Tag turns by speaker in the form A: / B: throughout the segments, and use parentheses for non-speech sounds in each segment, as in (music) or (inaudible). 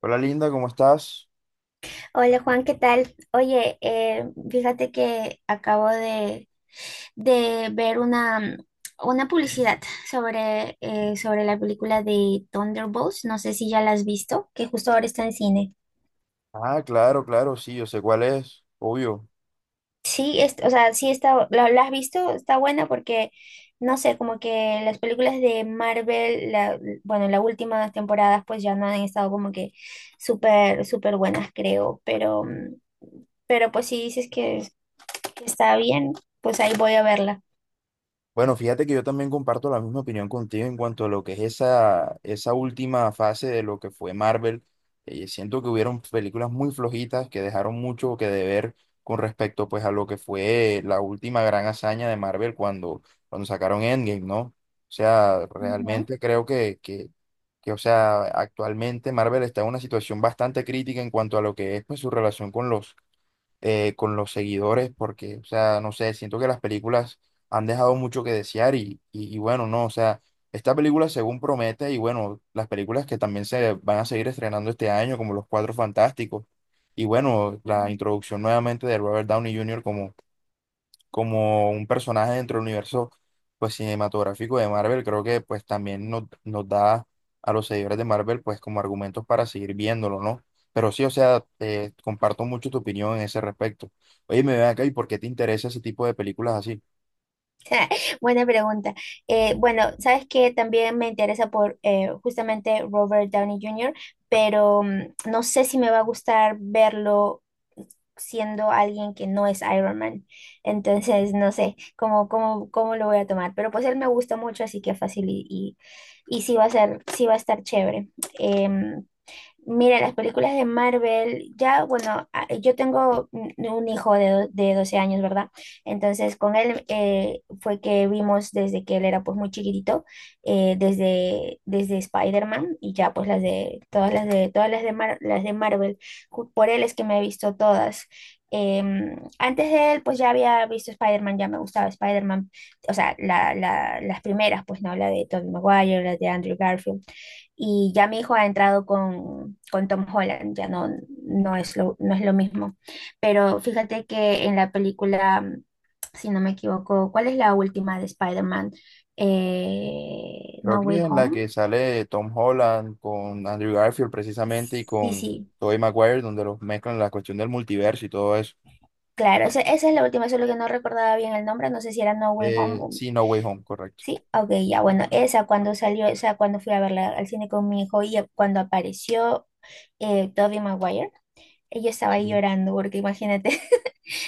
A: Hola Linda, ¿cómo estás?
B: Hola Juan, ¿qué tal? Oye, fíjate que acabo de ver una publicidad sobre, sobre la película de Thunderbolts. No sé si ya la has visto, que justo ahora está en cine.
A: Ah, claro, claro, sí, yo sé cuál es, obvio.
B: Sí, o sea, sí está, la has visto, está buena porque, no sé, como que las películas de Marvel, las últimas temporadas pues ya no han estado como que súper, súper buenas, creo, pero, pero pues sí dices que está bien, pues ahí voy a verla.
A: Bueno, fíjate que yo también comparto la misma opinión contigo en cuanto a lo que es esa, esa última fase de lo que fue Marvel. Siento que hubieron películas muy flojitas que dejaron mucho que deber con respecto pues a lo que fue la última gran hazaña de Marvel cuando sacaron Endgame, ¿no? O sea,
B: Ujú,
A: realmente creo que o sea, actualmente Marvel está en una situación bastante crítica en cuanto a lo que es pues su relación con los seguidores, porque, o sea, no sé, siento que las películas han dejado mucho que desear y bueno, no, o sea, esta película según promete y bueno, las películas que también se van a seguir estrenando este año, como Los Cuatro Fantásticos, y bueno, la
B: ujú.
A: introducción nuevamente de Robert Downey Jr. como un personaje dentro del universo pues cinematográfico de Marvel, creo que pues también nos da a los seguidores de Marvel pues como argumentos para seguir viéndolo, ¿no? Pero sí, o sea, comparto mucho tu opinión en ese respecto. Oye, me ven acá y ¿por qué te interesa ese tipo de películas así?
B: (laughs) Buena pregunta. Bueno, sabes que también me interesa por justamente Robert Downey Jr., pero no sé si me va a gustar verlo siendo alguien que no es Iron Man. Entonces, no sé cómo lo voy a tomar. Pero pues él me gusta mucho, así que fácil y sí va a ser, sí va a estar chévere. Em, Mira, las películas de Marvel, ya, bueno, a- yo tengo un hijo de, do- de 12 años, ¿verdad? Entonces, con él fue que vimos desde que él era pues muy chiquitito, desde Spider-Man y ya pues las de, todas las de, todas las de, Mar- las de Marvel, Ju- por él es que me he visto todas. Antes de él, pues ya había visto Spider-Man, ya me gustaba Spider-Man, o sea, las primeras, pues no, la de Tobey Maguire, la de Andrew Garfield y ya mi hijo ha entrado con Tom Holland, ya no, no es lo mismo. Pero fíjate que en la película, si no me equivoco, ¿cuál es la última de Spider-Man?
A: Creo
B: No Way
A: que en la
B: Home.
A: que sale Tom Holland con Andrew Garfield precisamente y
B: Sí,
A: con
B: sí,
A: Tobey Maguire, donde los mezclan la cuestión del multiverso y todo eso.
B: claro, esa es la última, solo que no recordaba bien el nombre, no sé si era No Way Home. O-
A: Sí, No Way Home, correcto.
B: Sí, ok, ya, bueno, esa cuando salió, esa cuando fui a verla al cine con mi hijo y cuando apareció Tobey Maguire, yo estaba ahí
A: Sí,
B: llorando, porque imagínate.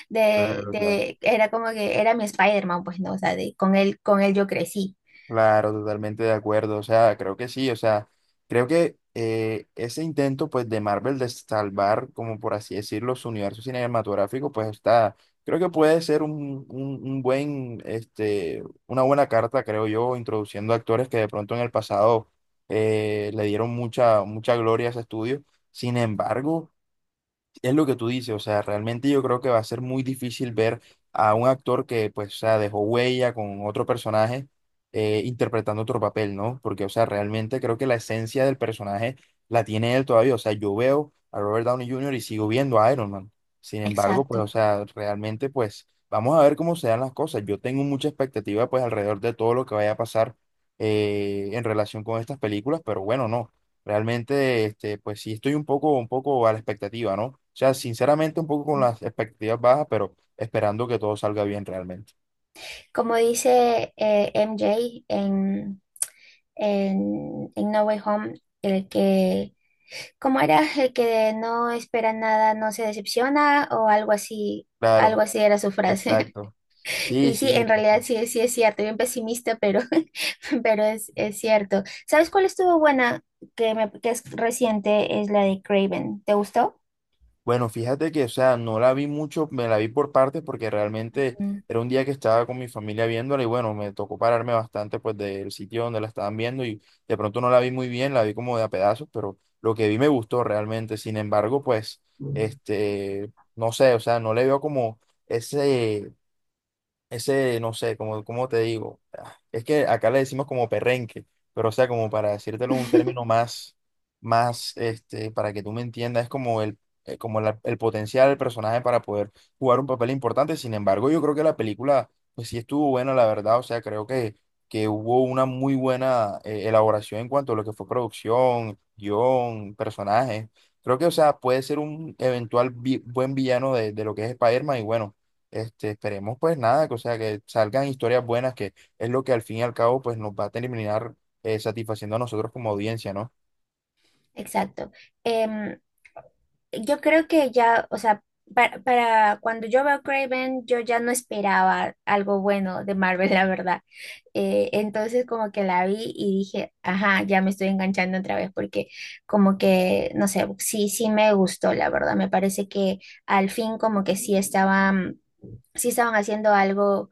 A: claro, claro.
B: Era como que era mi Spider-Man, pues no, o sea, de, con él yo crecí.
A: Claro, totalmente de acuerdo. O sea, creo que sí. O sea, creo que ese intento, pues, de Marvel de salvar, como por así decirlo, su universo cinematográfico, pues está. Creo que puede ser un buen, este, una buena carta, creo yo, introduciendo actores que de pronto en el pasado le dieron mucha gloria a ese estudio. Sin embargo. Es lo que tú dices, o sea, realmente yo creo que va a ser muy difícil ver a un actor que, pues, o sea, dejó huella con otro personaje interpretando otro papel, ¿no? Porque, o sea, realmente creo que la esencia del personaje la tiene él todavía, o sea, yo veo a Robert Downey Jr. y sigo viendo a Iron Man. Sin embargo, pues, o
B: Exacto.
A: sea, realmente, pues, vamos a ver cómo se dan las cosas. Yo tengo mucha expectativa, pues, alrededor de todo lo que vaya a pasar en relación con estas películas, pero bueno, no. Realmente, este, pues sí, estoy un poco a la expectativa, ¿no? O sea, sinceramente, un poco con las expectativas bajas, pero esperando que todo salga bien realmente.
B: Como dice MJ en, en No Way Home, el que, ¿cómo era? El que no espera nada, no se decepciona o algo
A: Claro,
B: así era su frase. (laughs)
A: exacto. Sí,
B: Y sí,
A: sí,
B: en realidad
A: total.
B: sí, sí es cierto, bien pesimista, pero, (laughs) pero es cierto. ¿Sabes cuál estuvo buena? Que, me, que es reciente, es la de Craven. ¿Te gustó?
A: Bueno, fíjate que, o sea, no la vi mucho, me la vi por partes porque realmente era un día que estaba con mi familia viéndola y bueno, me tocó pararme bastante pues del sitio donde la estaban viendo y de pronto no la vi muy bien, la vi como de a pedazos, pero lo que vi me gustó realmente. Sin embargo, pues, este, no sé, o sea, no le veo como ese, ese, no sé, como, ¿cómo te digo? Ah, es que acá le decimos como perrenque, pero o sea, como para decírtelo un término más, este, para que tú me entiendas, es como como el potencial del personaje para poder jugar un papel importante. Sin embargo, yo creo que la película, pues sí estuvo buena, la verdad. O sea, creo que hubo una muy buena elaboración en cuanto a lo que fue producción, guión, personajes. Creo que, o sea, puede ser un eventual buen villano de lo que es Spider-Man y bueno. Este, esperemos pues nada, que, o sea, que salgan historias buenas, que es lo que al fin y al cabo pues nos va a terminar satisfaciendo a nosotros como audiencia, ¿no?
B: Exacto. Em, yo creo que ya, o sea, para cuando yo veo Craven, yo ya no esperaba algo bueno de Marvel, la verdad. Entonces como que la vi y dije, ajá, ya me estoy enganchando otra vez porque como que, no sé, sí, sí me gustó, la verdad. Me parece que al fin como que sí estaba sí estaban haciendo algo,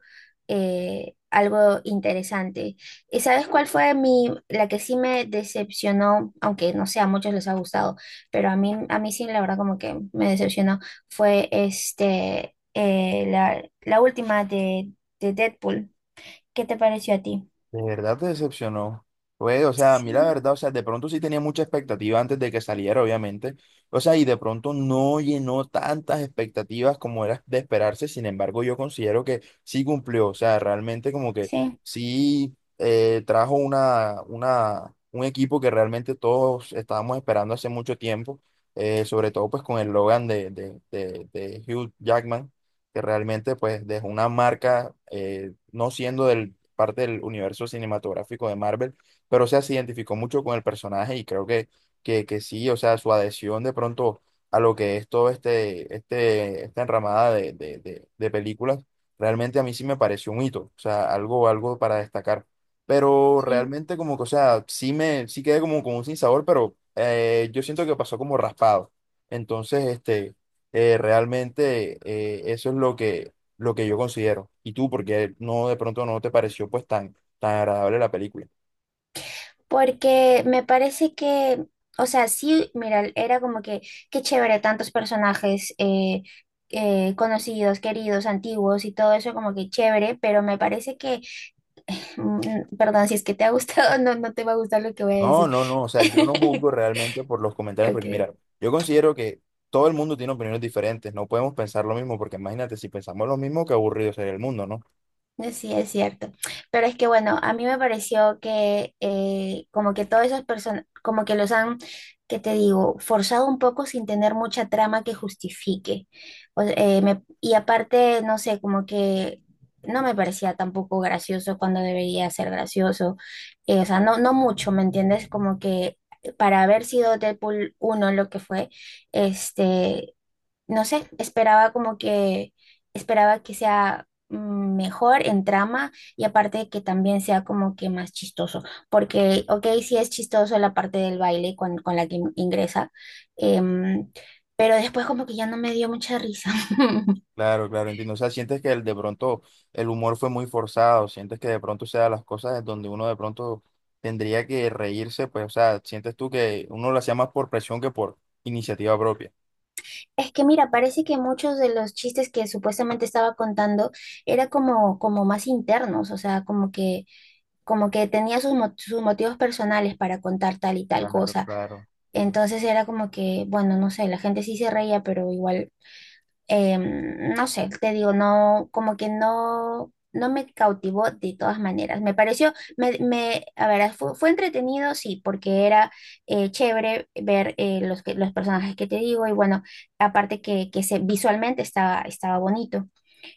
B: algo interesante. ¿Y sabes cuál fue mi, la que sí me decepcionó? Aunque no sé, a muchos les ha gustado, pero a mí sí, la verdad, como que me decepcionó. Fue este, la, la última de Deadpool. ¿Qué te pareció a ti?
A: ¿De verdad te decepcionó? Pues, o sea, a mí la
B: Sí.
A: verdad, o sea, de pronto sí tenía mucha expectativa antes de que saliera, obviamente. O sea, y de pronto no llenó tantas expectativas como era de esperarse. Sin embargo, yo considero que sí cumplió. O sea, realmente como que sí trajo un equipo que realmente todos estábamos esperando hace mucho tiempo. Sobre todo pues con el Logan de Hugh Jackman, que realmente pues dejó una marca, no siendo del parte del universo cinematográfico de Marvel, pero o sea, se identificó mucho con el personaje y creo que sí, o sea, su adhesión de pronto a lo que es todo este, esta enramada de películas, realmente a mí sí me pareció un hito, o sea, algo para destacar. Pero
B: Sí.
A: realmente como que, o sea, sí quedé como con un sinsabor, pero yo siento que pasó como raspado. Entonces, este, realmente eso es lo lo que yo considero. Y tú, porque no de pronto no te pareció pues tan agradable la película.
B: Porque me parece que, o sea, sí, mira, era como que, qué chévere, tantos personajes conocidos, queridos, antiguos y todo eso como que chévere, pero me parece que, perdón, si es que te ha gustado, (laughs) no, no te va a gustar lo que voy a
A: No,
B: decir.
A: no, no, o sea, yo no
B: (laughs)
A: juzgo realmente por los comentarios,
B: Ok.
A: porque mira, yo considero que todo el mundo tiene opiniones diferentes, no podemos pensar lo mismo, porque imagínate, si pensamos lo mismo, qué aburrido sería el mundo, ¿no?
B: Sí, es cierto. Pero es que bueno, a mí me pareció que como que todas esas personas, como que los han, que te digo, forzado un poco sin tener mucha trama que justifique. Y aparte, no sé, como que no me parecía tampoco gracioso cuando debería ser gracioso. O sea, no, no mucho, ¿me entiendes? Como que para haber sido Deadpool uno lo que fue, este no sé, esperaba como que, esperaba que sea mejor en trama y aparte que también sea como que más chistoso, porque, ok, sí es chistoso la parte del baile con la que in- ingresa, em, pero después como que ya no me dio mucha risa. (laughs)
A: Claro, claro, entiendo. O sea, sientes que el, de pronto el humor fue muy forzado, sientes que de pronto o sea las cosas en donde uno de pronto tendría que reírse, pues, o sea, sientes tú que uno lo hacía más por presión que por iniciativa propia.
B: Es que mira, parece que muchos de los chistes que supuestamente estaba contando era como, como más internos, o sea, como que tenía sus, mo- sus motivos personales para contar tal y tal
A: Claro,
B: cosa.
A: claro,
B: Entonces era como que, bueno, no sé, la gente sí se reía, pero igual, no sé, te digo, no, como que no, no me cautivó de todas maneras. Me pareció, a ver, fue, fue entretenido, sí, porque era chévere ver los personajes que te digo y bueno, aparte que se, visualmente estaba, estaba bonito.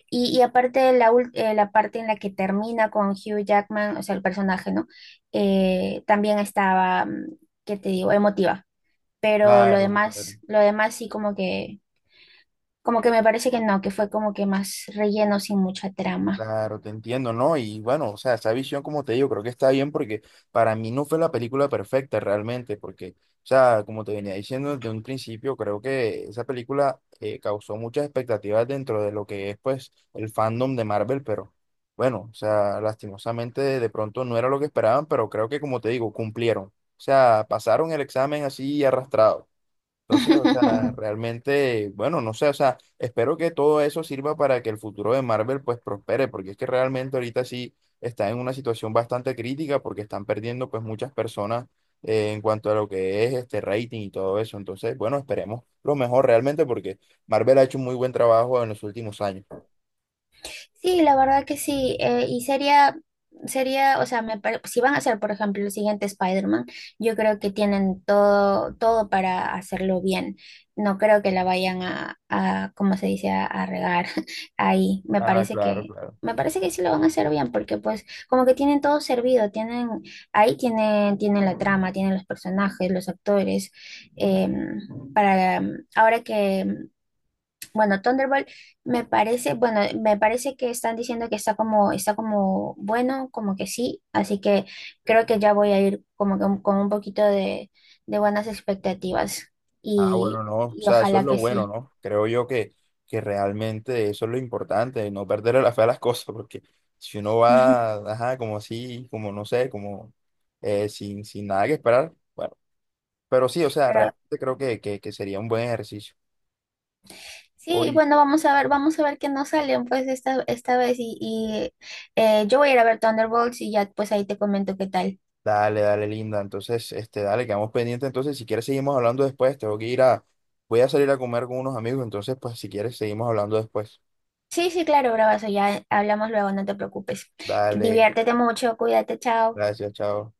B: Y aparte la, la parte en la que termina con Hugh Jackman, o sea, el personaje, ¿no? También estaba, ¿qué te digo? Emotiva, pero
A: claro, claro.
B: lo demás sí como que me parece que no, que fue como que más relleno sin mucha trama.
A: Claro, te entiendo, ¿no? Y bueno, o sea, esa visión, como te digo, creo que está bien porque para mí no fue la película perfecta realmente, porque, o sea, como te venía diciendo desde un principio, creo que esa película causó muchas expectativas dentro de lo que es, pues, el fandom de Marvel, pero bueno, o sea, lastimosamente de pronto no era lo que esperaban, pero creo que, como te digo, cumplieron. O sea, pasaron el examen así arrastrado. Entonces, o sea,
B: (laughs)
A: realmente, bueno, no sé, o sea, espero que todo eso sirva para que el futuro de Marvel pues prospere, porque es que realmente ahorita sí está en una situación bastante crítica porque están perdiendo pues muchas personas en cuanto a lo que es este rating y todo eso. Entonces, bueno, esperemos lo mejor realmente porque Marvel ha hecho un muy buen trabajo en los últimos años.
B: Sí, la verdad que sí. Sería, o sea, me pare- si van a hacer, por ejemplo, el siguiente Spider-Man, yo creo que tienen todo, todo para hacerlo bien. No creo que la vayan a ¿cómo se dice?, a regar (laughs) ahí.
A: Ah, claro, claro.
B: Me parece que sí lo van a hacer bien, porque pues como que tienen todo servido, tienen, ahí tienen, tienen la trama, tienen los personajes, los actores. em, Ahora que bueno, Thunderbolt me parece, bueno, me parece que están diciendo que está como bueno, como que sí, así que creo que ya voy a ir como que un- con un poquito de buenas expectativas
A: Ah, bueno, no, o
B: y
A: sea, eso es
B: ojalá
A: lo
B: que
A: bueno,
B: sí.
A: ¿no? Creo yo que realmente eso es lo importante, no perderle la fe a las (laughs) cosas, porque si uno va,
B: (laughs)
A: ajá, como así, como no sé, como sin nada que esperar, bueno, pero sí, o sea,
B: Pero
A: realmente creo que sería un buen ejercicio.
B: sí,
A: Hoy,
B: bueno, vamos a ver qué nos salen pues esta vez y yo voy a ir a ver Thunderbolts y ya pues ahí te comento qué tal.
A: dale, dale, linda, entonces, este, dale, quedamos pendientes, entonces, si quieres seguimos hablando después, tengo que ir a, voy a salir a comer con unos amigos, entonces, pues, si quieres seguimos hablando después.
B: Sí, sí, claro, bravazo, ya hablamos luego, no te preocupes.
A: Dale,
B: Diviértete mucho, cuídate, chao.
A: gracias, chao.